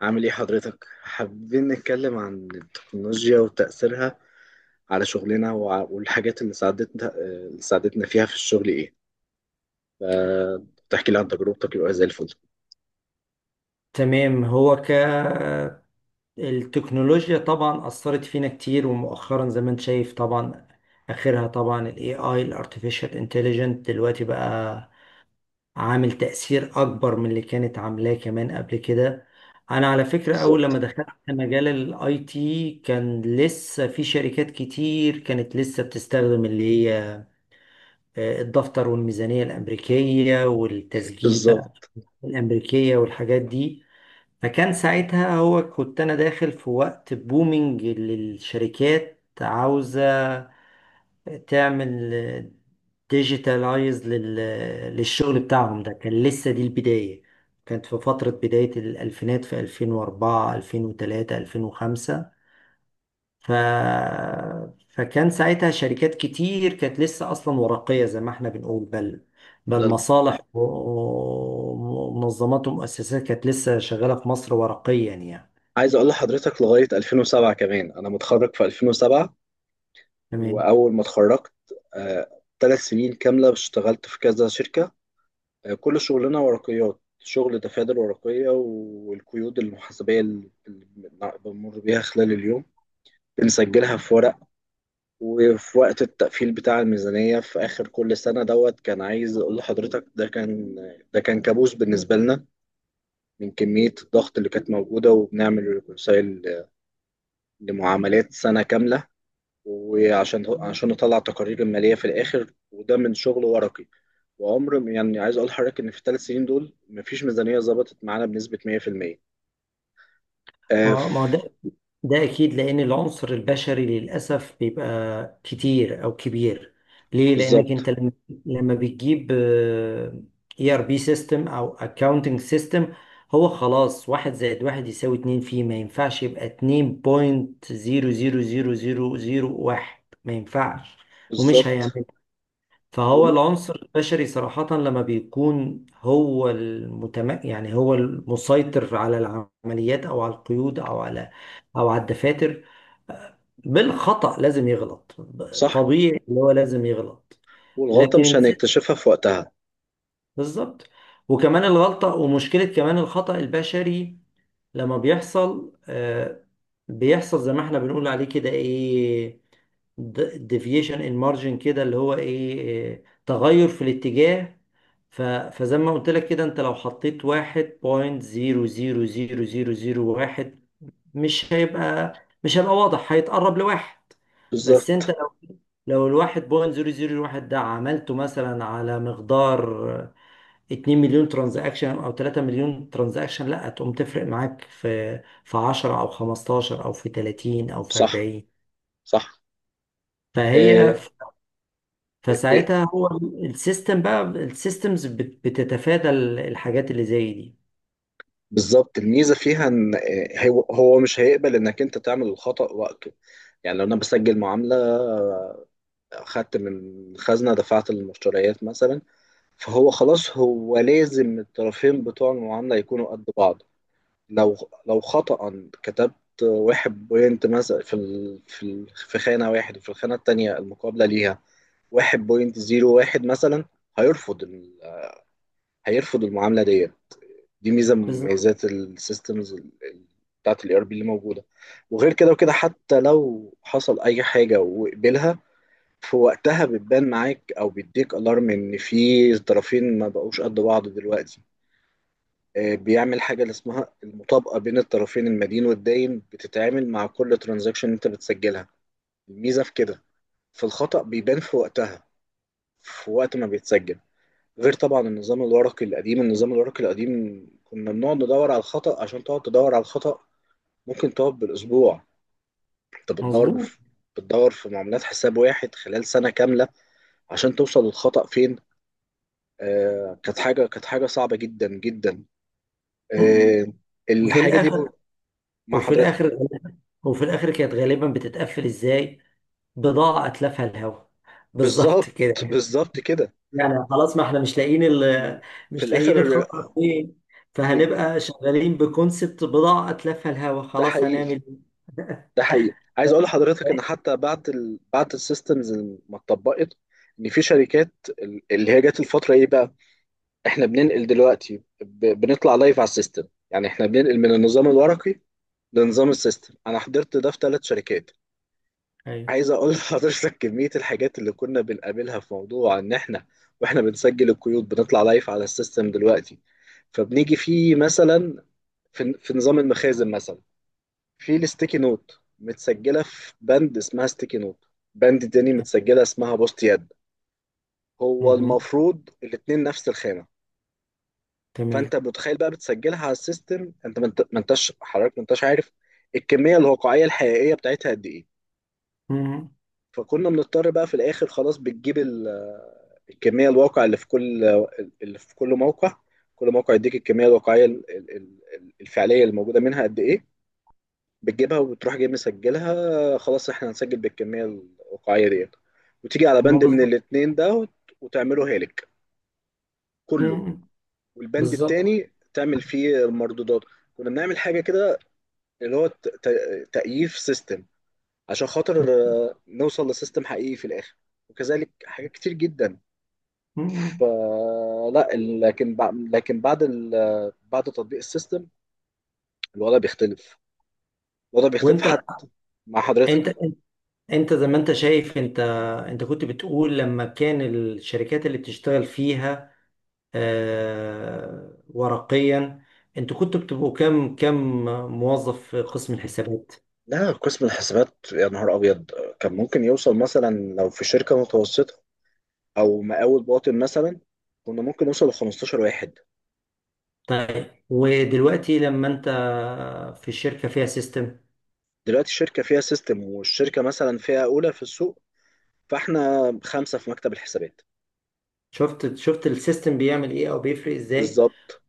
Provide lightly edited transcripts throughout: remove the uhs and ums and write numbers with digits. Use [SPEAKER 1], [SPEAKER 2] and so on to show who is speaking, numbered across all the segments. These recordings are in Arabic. [SPEAKER 1] عامل ايه حضرتك؟ حابين نتكلم عن التكنولوجيا وتأثيرها على شغلنا والحاجات اللي ساعدتنا اللي ساعدتنا فيها في الشغل ايه؟ فتحكي لي عن تجربتك يبقى زي الفل.
[SPEAKER 2] تمام. هو ك التكنولوجيا طبعا أثرت فينا كتير، ومؤخرا زي ما انت شايف طبعا آخرها طبعا ال AI، ال Artificial Intelligence دلوقتي بقى عامل تأثير أكبر من اللي كانت عاملاه كمان قبل كده. أنا على فكرة، أول لما
[SPEAKER 1] بالظبط.
[SPEAKER 2] دخلت في مجال ال IT كان لسه في شركات كتير كانت لسه بتستخدم اللي هي الدفتر والميزانية الأمريكية والتسجيل، بقى
[SPEAKER 1] بالظبط.
[SPEAKER 2] الأمريكية والحاجات دي. فكان ساعتها هو كنت انا داخل في وقت بومينج، للشركات عاوزة تعمل ديجيتالايز للشغل بتاعهم. ده كان لسه دي البداية، كانت في فترة بداية الألفينات في 2004 2003 2005. ف... فكان ساعتها شركات كتير كانت لسه أصلا ورقية زي ما احنا بنقول، بل
[SPEAKER 1] ده
[SPEAKER 2] مصالح ومنظمات ومؤسسات كانت لسه شغالة في مصر ورقيا يعني.
[SPEAKER 1] عايز اقول لحضرتك لغاية 2007، كمان انا متخرج في 2007،
[SPEAKER 2] تمام.
[SPEAKER 1] واول ما اتخرجت 3 سنين كاملة اشتغلت في كذا شركة. كل شغلنا ورقيات، شغل دفاتر ورقية، والقيود المحاسبية اللي بنمر بيها خلال اليوم نسجلها في ورق. وفي وقت التقفيل بتاع الميزانية في آخر كل سنة دوت كان عايز أقول لحضرتك ده كان كابوس بالنسبة لنا من كمية الضغط اللي كانت موجودة. وبنعمل ريكونسايل لمعاملات سنة كاملة، وعشان نطلع تقارير المالية في الآخر، وده من شغل ورقي. وعمر ما- يعني عايز أقول لحضرتك إن في الثلاث سنين دول مفيش ميزانية ظبطت معانا بنسبة 100%. آه، ف-
[SPEAKER 2] ما ده اكيد، لان العنصر البشري للاسف بيبقى كتير او كبير. ليه؟ لانك
[SPEAKER 1] بالظبط.
[SPEAKER 2] انت لما بتجيب اي ار بي سيستم او اكاونتنج سيستم، هو خلاص واحد زائد واحد يساوي اتنين، فيه ما ينفعش يبقى اتنين بوينت زيرو زيرو زيرو زيرو زيرو واحد، ما ينفعش ومش
[SPEAKER 1] بالظبط
[SPEAKER 2] هيعمل. فهو
[SPEAKER 1] وال-
[SPEAKER 2] العنصر البشري صراحة لما بيكون هو يعني هو المسيطر على العمليات، أو على القيود، أو على أو على الدفاتر. بالخطأ لازم يغلط،
[SPEAKER 1] صح.
[SPEAKER 2] طبيعي اللي هو لازم يغلط.
[SPEAKER 1] والغلطة
[SPEAKER 2] لكن
[SPEAKER 1] مش
[SPEAKER 2] الس-
[SPEAKER 1] هنكتشفها في وقتها.
[SPEAKER 2] بالظبط. وكمان الغلطة، ومشكلة كمان الخطأ البشري لما بيحصل، بيحصل زي ما احنا بنقول عليه كده ايه، ديفيشن ان مارجن، كده اللي هو إيه، تغير في الاتجاه. فزي ما قلت لك كده، انت لو حطيت واحد بوينت زيرو زيرو زيرو زيرو زيرو واحد مش هيبقى واضح، هيتقرب لواحد. بس انت
[SPEAKER 1] بالظبط.
[SPEAKER 2] لو الواحد بوينت زيرو زيرو واحد ده عملته مثلا على مقدار 2 مليون ترانزاكشن او 3 مليون ترانزاكشن، لا تقوم تفرق معاك في 10 او 15 او في 30 او في
[SPEAKER 1] صح.
[SPEAKER 2] 40.
[SPEAKER 1] صح.
[SPEAKER 2] فهي
[SPEAKER 1] آه. آه. آه.
[SPEAKER 2] فساعتها هو السيستم، بقى السيستمز بتتفادى الحاجات اللي زي دي.
[SPEAKER 1] بالظبط، الميزه فيها ان، هو مش هيقبل انك انت تعمل الخطأ وقته. يعني لو انا بسجل معامله، اخدت من خزنه دفعت للمشتريات مثلا، فهو خلاص هو لازم الطرفين بتوع المعامله يكونوا قد بعض. لو لو خطأ كتبت واحد بوينت مثلا في خانه واحد، وفي الخانه التانيه المقابله ليها واحد بوينت زيرو واحد مثلا، هيرفض ال- هيرفض المعامله دي. دي ميزه من
[SPEAKER 2] بالظبط.
[SPEAKER 1] مميزات السيستمز بتاعت الاي ار بي اللي موجوده. وغير كده وكده حتى لو حصل اي حاجه وقبلها في وقتها بتبان معاك، او بيديك الارم ان في طرفين ما بقوش قد بعض دلوقتي. بيعمل حاجه اللي اسمها المطابقه بين الطرفين، المدين والداين، بتتعامل مع كل ترانزاكشن انت بتسجلها. الميزه في كده في الخطأ بيبان في وقتها، في وقت ما بيتسجل. غير طبعا النظام الورقي القديم، النظام الورقي القديم كنا بنقعد ندور على الخطأ. عشان تقعد تدور على الخطأ ممكن تقعد بالأسبوع. أنت بتدور
[SPEAKER 2] مظبوط.
[SPEAKER 1] بف... بتدور في معاملات حساب واحد خلال سنة كاملة عشان توصل للخطأ فين. آه، كانت حاجة صعبة جدا جدا.
[SPEAKER 2] م- م.
[SPEAKER 1] آه.
[SPEAKER 2] وفي
[SPEAKER 1] الحاجة دي
[SPEAKER 2] الاخر
[SPEAKER 1] ب... مع
[SPEAKER 2] وفي
[SPEAKER 1] حضرتك.
[SPEAKER 2] الاخر وفي الاخر كانت غالبا بتتقفل ازاي؟ بضاعة اتلافها الهوا بالظبط
[SPEAKER 1] بالظبط.
[SPEAKER 2] كده.
[SPEAKER 1] بالظبط كده.
[SPEAKER 2] يعني خلاص ما احنا مش لاقيين
[SPEAKER 1] في
[SPEAKER 2] مش لاقيين
[SPEAKER 1] الآخر.
[SPEAKER 2] الخطر فين،
[SPEAKER 1] بيج-
[SPEAKER 2] فهنبقى شغالين بكونسبت بضاعة اتلافها الهوا،
[SPEAKER 1] ده
[SPEAKER 2] خلاص
[SPEAKER 1] حقيقي.
[SPEAKER 2] هنعمل
[SPEAKER 1] ده حقيقي، عايز اقول لحضرتك ان
[SPEAKER 2] ايه.
[SPEAKER 1] حتى بعد السيستمز ما اتطبقت، ان في شركات اللي هي جت الفتره ايه بقى، احنا بننقل دلوقتي بنطلع لايف على السيستم. يعني احنا بننقل من النظام الورقي لنظام السيستم. انا حضرت ده في 3 شركات.
[SPEAKER 2] ايوه.
[SPEAKER 1] عايز اقول لحضرتك كميه الحاجات اللي كنا بنقابلها في موضوع ان احنا واحنا بنسجل القيود بنطلع لايف على السيستم دلوقتي. فبنيجي فيه مثلا، في نظام المخازن مثلا، في الستيكي نوت متسجله في باند اسمها ستيكي نوت، باند تاني متسجله اسمها بوست يد. هو
[SPEAKER 2] مهم.
[SPEAKER 1] المفروض الاتنين نفس الخانه.
[SPEAKER 2] تمام.
[SPEAKER 1] فانت متخيل بقى بتسجلها على السيستم، انت ما انتش حضرتك، ما انتش عارف الكميه الواقعيه الحقيقيه بتاعتها قد ايه.
[SPEAKER 2] مهم.
[SPEAKER 1] فكنا بنضطر بقى في الاخر خلاص الكميه الواقع اللي في كل موقع. كل موقع يديك الكميه الواقعيه الفعليه اللي موجوده منها قد ايه. بتجيبها وبتروح جاي مسجلها، خلاص احنا هنسجل بالكميه الواقعيه ديت. وتيجي على
[SPEAKER 2] ما
[SPEAKER 1] بند من
[SPEAKER 2] بالظبط.
[SPEAKER 1] الاتنين ده وت- وتعمله هالك كله،
[SPEAKER 2] مهم.
[SPEAKER 1] والبند
[SPEAKER 2] بالظبط.
[SPEAKER 1] التاني تعمل فيه المردودات. كنا بنعمل حاجه كده اللي هو تأييف سيستم عشان خاطر، نوصل لسيستم حقيقي في الاخر. وكذلك حاجات كتير جدا.
[SPEAKER 2] مم.
[SPEAKER 1] فلا لكن بع- لكن بعد ال- بعد تطبيق السيستم الوضع بيختلف. الوضع بيختلف
[SPEAKER 2] وانت
[SPEAKER 1] حتى مع
[SPEAKER 2] انت
[SPEAKER 1] حضرتك.
[SPEAKER 2] انت زي ما انت شايف، انت كنت بتقول لما كان الشركات اللي بتشتغل فيها ورقيا، انتوا كنتوا بتبقوا كام كام موظف في قسم الحسابات؟
[SPEAKER 1] لا، قسم الحسابات يا نهار ابيض كان ممكن يوصل مثلا، لو في شركه متوسطه او مقاول باطن مثلا، كنا ممكن نوصل ل 15 واحد.
[SPEAKER 2] طيب، ودلوقتي لما انت في الشركة فيها سيستم،
[SPEAKER 1] دلوقتي الشركه فيها سيستم، والشركه مثلا فيها اولى في السوق، فاحنا خمسه في مكتب الحسابات.
[SPEAKER 2] شفت السيستم بيعمل ايه، او بيفرق ازاي.
[SPEAKER 1] بالظبط.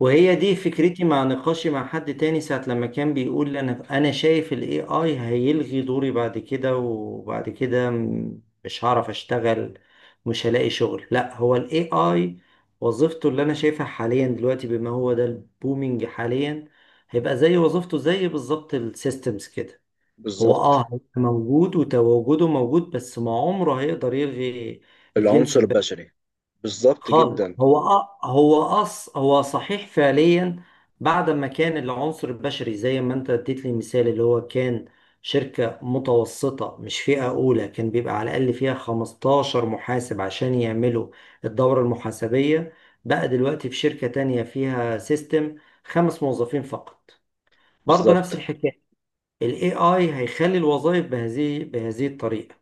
[SPEAKER 2] وهي دي فكرتي مع نقاشي مع حد تاني ساعة لما كان بيقول: انا شايف الاي اي هيلغي دوري بعد كده، وبعد كده مش هعرف اشتغل، مش هلاقي شغل. لا، هو الاي اي وظيفته اللي انا شايفها حاليا دلوقتي، بما هو ده البومينج حاليا، هيبقى زي وظيفته زي بالظبط السيستمز كده. هو
[SPEAKER 1] بالظبط.
[SPEAKER 2] هيبقى موجود، وتواجده موجود، بس ما عمره هيقدر يلغي الجنس
[SPEAKER 1] العنصر البشري. بالظبط
[SPEAKER 2] خالص.
[SPEAKER 1] جدا.
[SPEAKER 2] هو أ- هو أص هو صحيح فعليا، بعد ما كان العنصر البشري زي ما انت اديت لي مثال، اللي هو كان شركة متوسطة مش فئة أولى كان بيبقى على الأقل فيها 15 محاسب عشان يعملوا الدورة المحاسبية، بقى دلوقتي في شركة تانية فيها سيستم 5 موظفين فقط. برضه نفس
[SPEAKER 1] بالظبط.
[SPEAKER 2] الحكاية، ال AI هيخلي الوظائف بهذه الطريقة،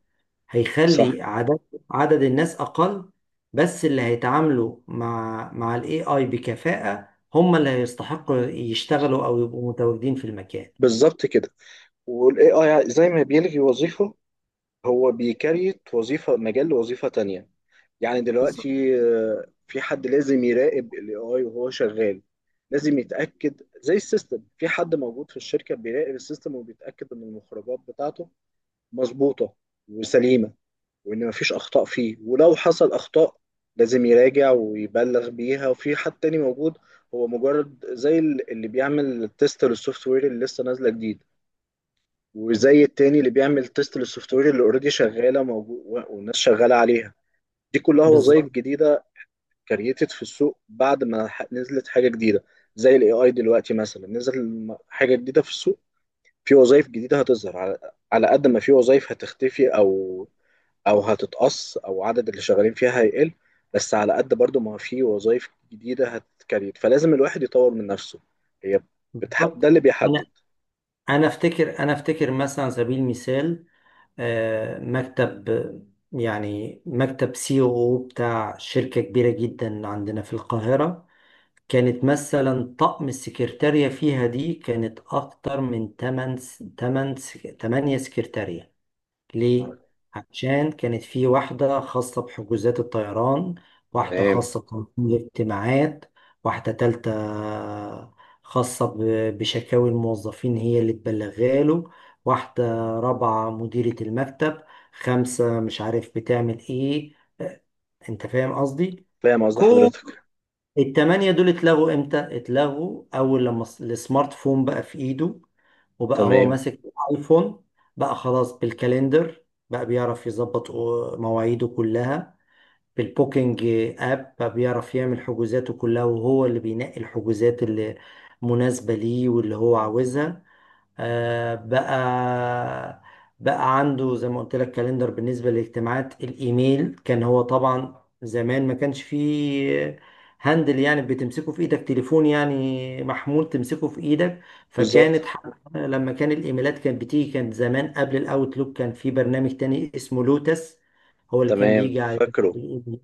[SPEAKER 1] صح.
[SPEAKER 2] هيخلي عدد الناس اقل، بس اللي هيتعاملوا مع الاي اي بكفاءة هم اللي هيستحقوا يشتغلوا او يبقوا متواجدين في المكان.
[SPEAKER 1] بالظبط كده. والاي اي زي ما بيلغي وظيفه هو بيكريت وظيفه، مجال لوظيفه تانية. يعني
[SPEAKER 2] بالظبط.
[SPEAKER 1] دلوقتي في حد لازم يراقب الاي اي وهو شغال. لازم يتاكد، زي السيستم في حد موجود في الشركه بيراقب السيستم وبيتاكد ان المخرجات بتاعته مظبوطه وسليمه، وان مفيش اخطاء فيه. ولو حصل اخطاء لازم يراجع ويبلغ بيها. وفي حد تاني موجود هو مجرد زي اللي بيعمل تيست للسوفت وير اللي لسه نازله جديد، وزي التاني اللي بيعمل تيست للسوفت وير اللي اوريدي شغاله موجود والناس شغاله عليها. دي كلها وظائف
[SPEAKER 2] بالظبط.
[SPEAKER 1] جديدة كريتد في السوق بعد ما ح- نزلت حاجه جديده. زي الاي اي دلوقتي مثلا نزل حاجه جديده في السوق، في وظائف جديده هتظهر على على قد ما في وظائف هتختفي او هتتقص، او عدد اللي شغالين فيها هيقل. بس على قد برضو ما في وظائف جديده هتكريت، فلازم الواحد يطور من نفسه. هي ده
[SPEAKER 2] بالظبط.
[SPEAKER 1] اللي
[SPEAKER 2] انا
[SPEAKER 1] بيحدد.
[SPEAKER 2] انا افتكر مثلا، على سبيل المثال مكتب، يعني مكتب سي او بتاع شركة كبيرة جدا عندنا في القاهرة. كانت مثلا طقم السكرتارية فيها دي كانت أكتر من 8 8 8 سكرتارية. ليه؟
[SPEAKER 1] آه،
[SPEAKER 2] عشان كانت في واحدة خاصة بحجوزات الطيران، واحدة
[SPEAKER 1] تمام.
[SPEAKER 2] خاصة بتنظيم الاجتماعات، واحدة تالتة خاصة بشكاوي الموظفين هي اللي تبلغها له، واحدة رابعة مديرة المكتب، خمسة مش عارف بتعمل ايه. آه، أنت فاهم قصدي؟
[SPEAKER 1] فاهم قصد حضرتك.
[SPEAKER 2] التمانية دول اتلغوا امتى؟ اتلغوا اول لما السمارت فون بقى في ايده، وبقى هو
[SPEAKER 1] تمام.
[SPEAKER 2] ماسك الايفون. بقى خلاص بالكالندر بقى بيعرف يظبط مواعيده كلها، بالبوكينج اب بقى بيعرف يعمل حجوزاته كلها، وهو اللي بينقي الحجوزات اللي مناسبة ليه واللي هو عاوزها. بقى بقى عنده زي ما قلت لك كالندر بالنسبة للاجتماعات. الإيميل كان هو طبعا زمان ما كانش فيه هاندل، يعني بتمسكه في إيدك تليفون، يعني محمول تمسكه في إيدك.
[SPEAKER 1] بالظبط.
[SPEAKER 2] فكانت ح- لما كان الإيميلات كانت بتيجي، كانت زمان قبل الأوتلوك كان في برنامج تاني اسمه لوتس، هو اللي كان
[SPEAKER 1] تمام.
[SPEAKER 2] بيجي على
[SPEAKER 1] فاكره.
[SPEAKER 2] الإيميل.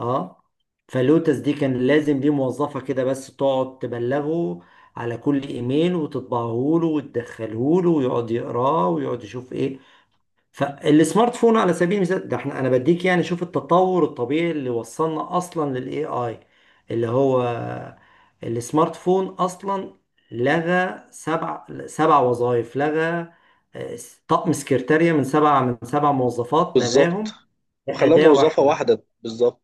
[SPEAKER 2] اه فلوتس دي كان لازم ليه موظفة كده بس تقعد تبلغه على كل ايميل، وتطبعه له وتدخله له ويقعد يقراه ويقعد يشوف ايه. فالسمارت فون على سبيل المثال ده، احنا انا بديك يعني، شوف التطور الطبيعي اللي وصلنا اصلا للاي اي، اللي هو السمارت فون اصلا لغى سبع وظائف، لغى آه، طقم سكرتارية من سبع موظفات
[SPEAKER 1] بالظبط
[SPEAKER 2] لغاهم،
[SPEAKER 1] وخلاه
[SPEAKER 2] أداة
[SPEAKER 1] موظفه
[SPEAKER 2] واحدة.
[SPEAKER 1] واحده. بالظبط.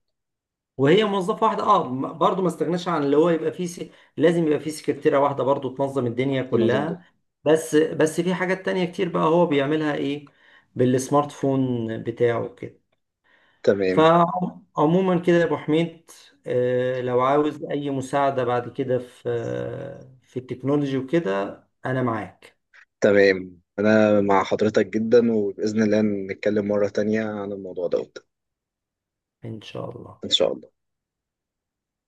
[SPEAKER 2] وهي موظفه واحده برضه ما استغناش عن اللي هو يبقى فيه لازم يبقى فيه سكرتيره واحده برضه تنظم الدنيا
[SPEAKER 1] تنظيم.
[SPEAKER 2] كلها. بس بس في حاجات تانية كتير بقى هو بيعملها ايه بالسمارت فون بتاعه كده.
[SPEAKER 1] تمام.
[SPEAKER 2] فعموما كده يا ابو حميد، لو عاوز اي مساعده بعد كده في في التكنولوجي وكده، انا معاك
[SPEAKER 1] تمام أنا مع حضرتك جدا، وبإذن الله نتكلم مرة تانية عن الموضوع دوت.
[SPEAKER 2] ان شاء الله.
[SPEAKER 1] إن شاء الله.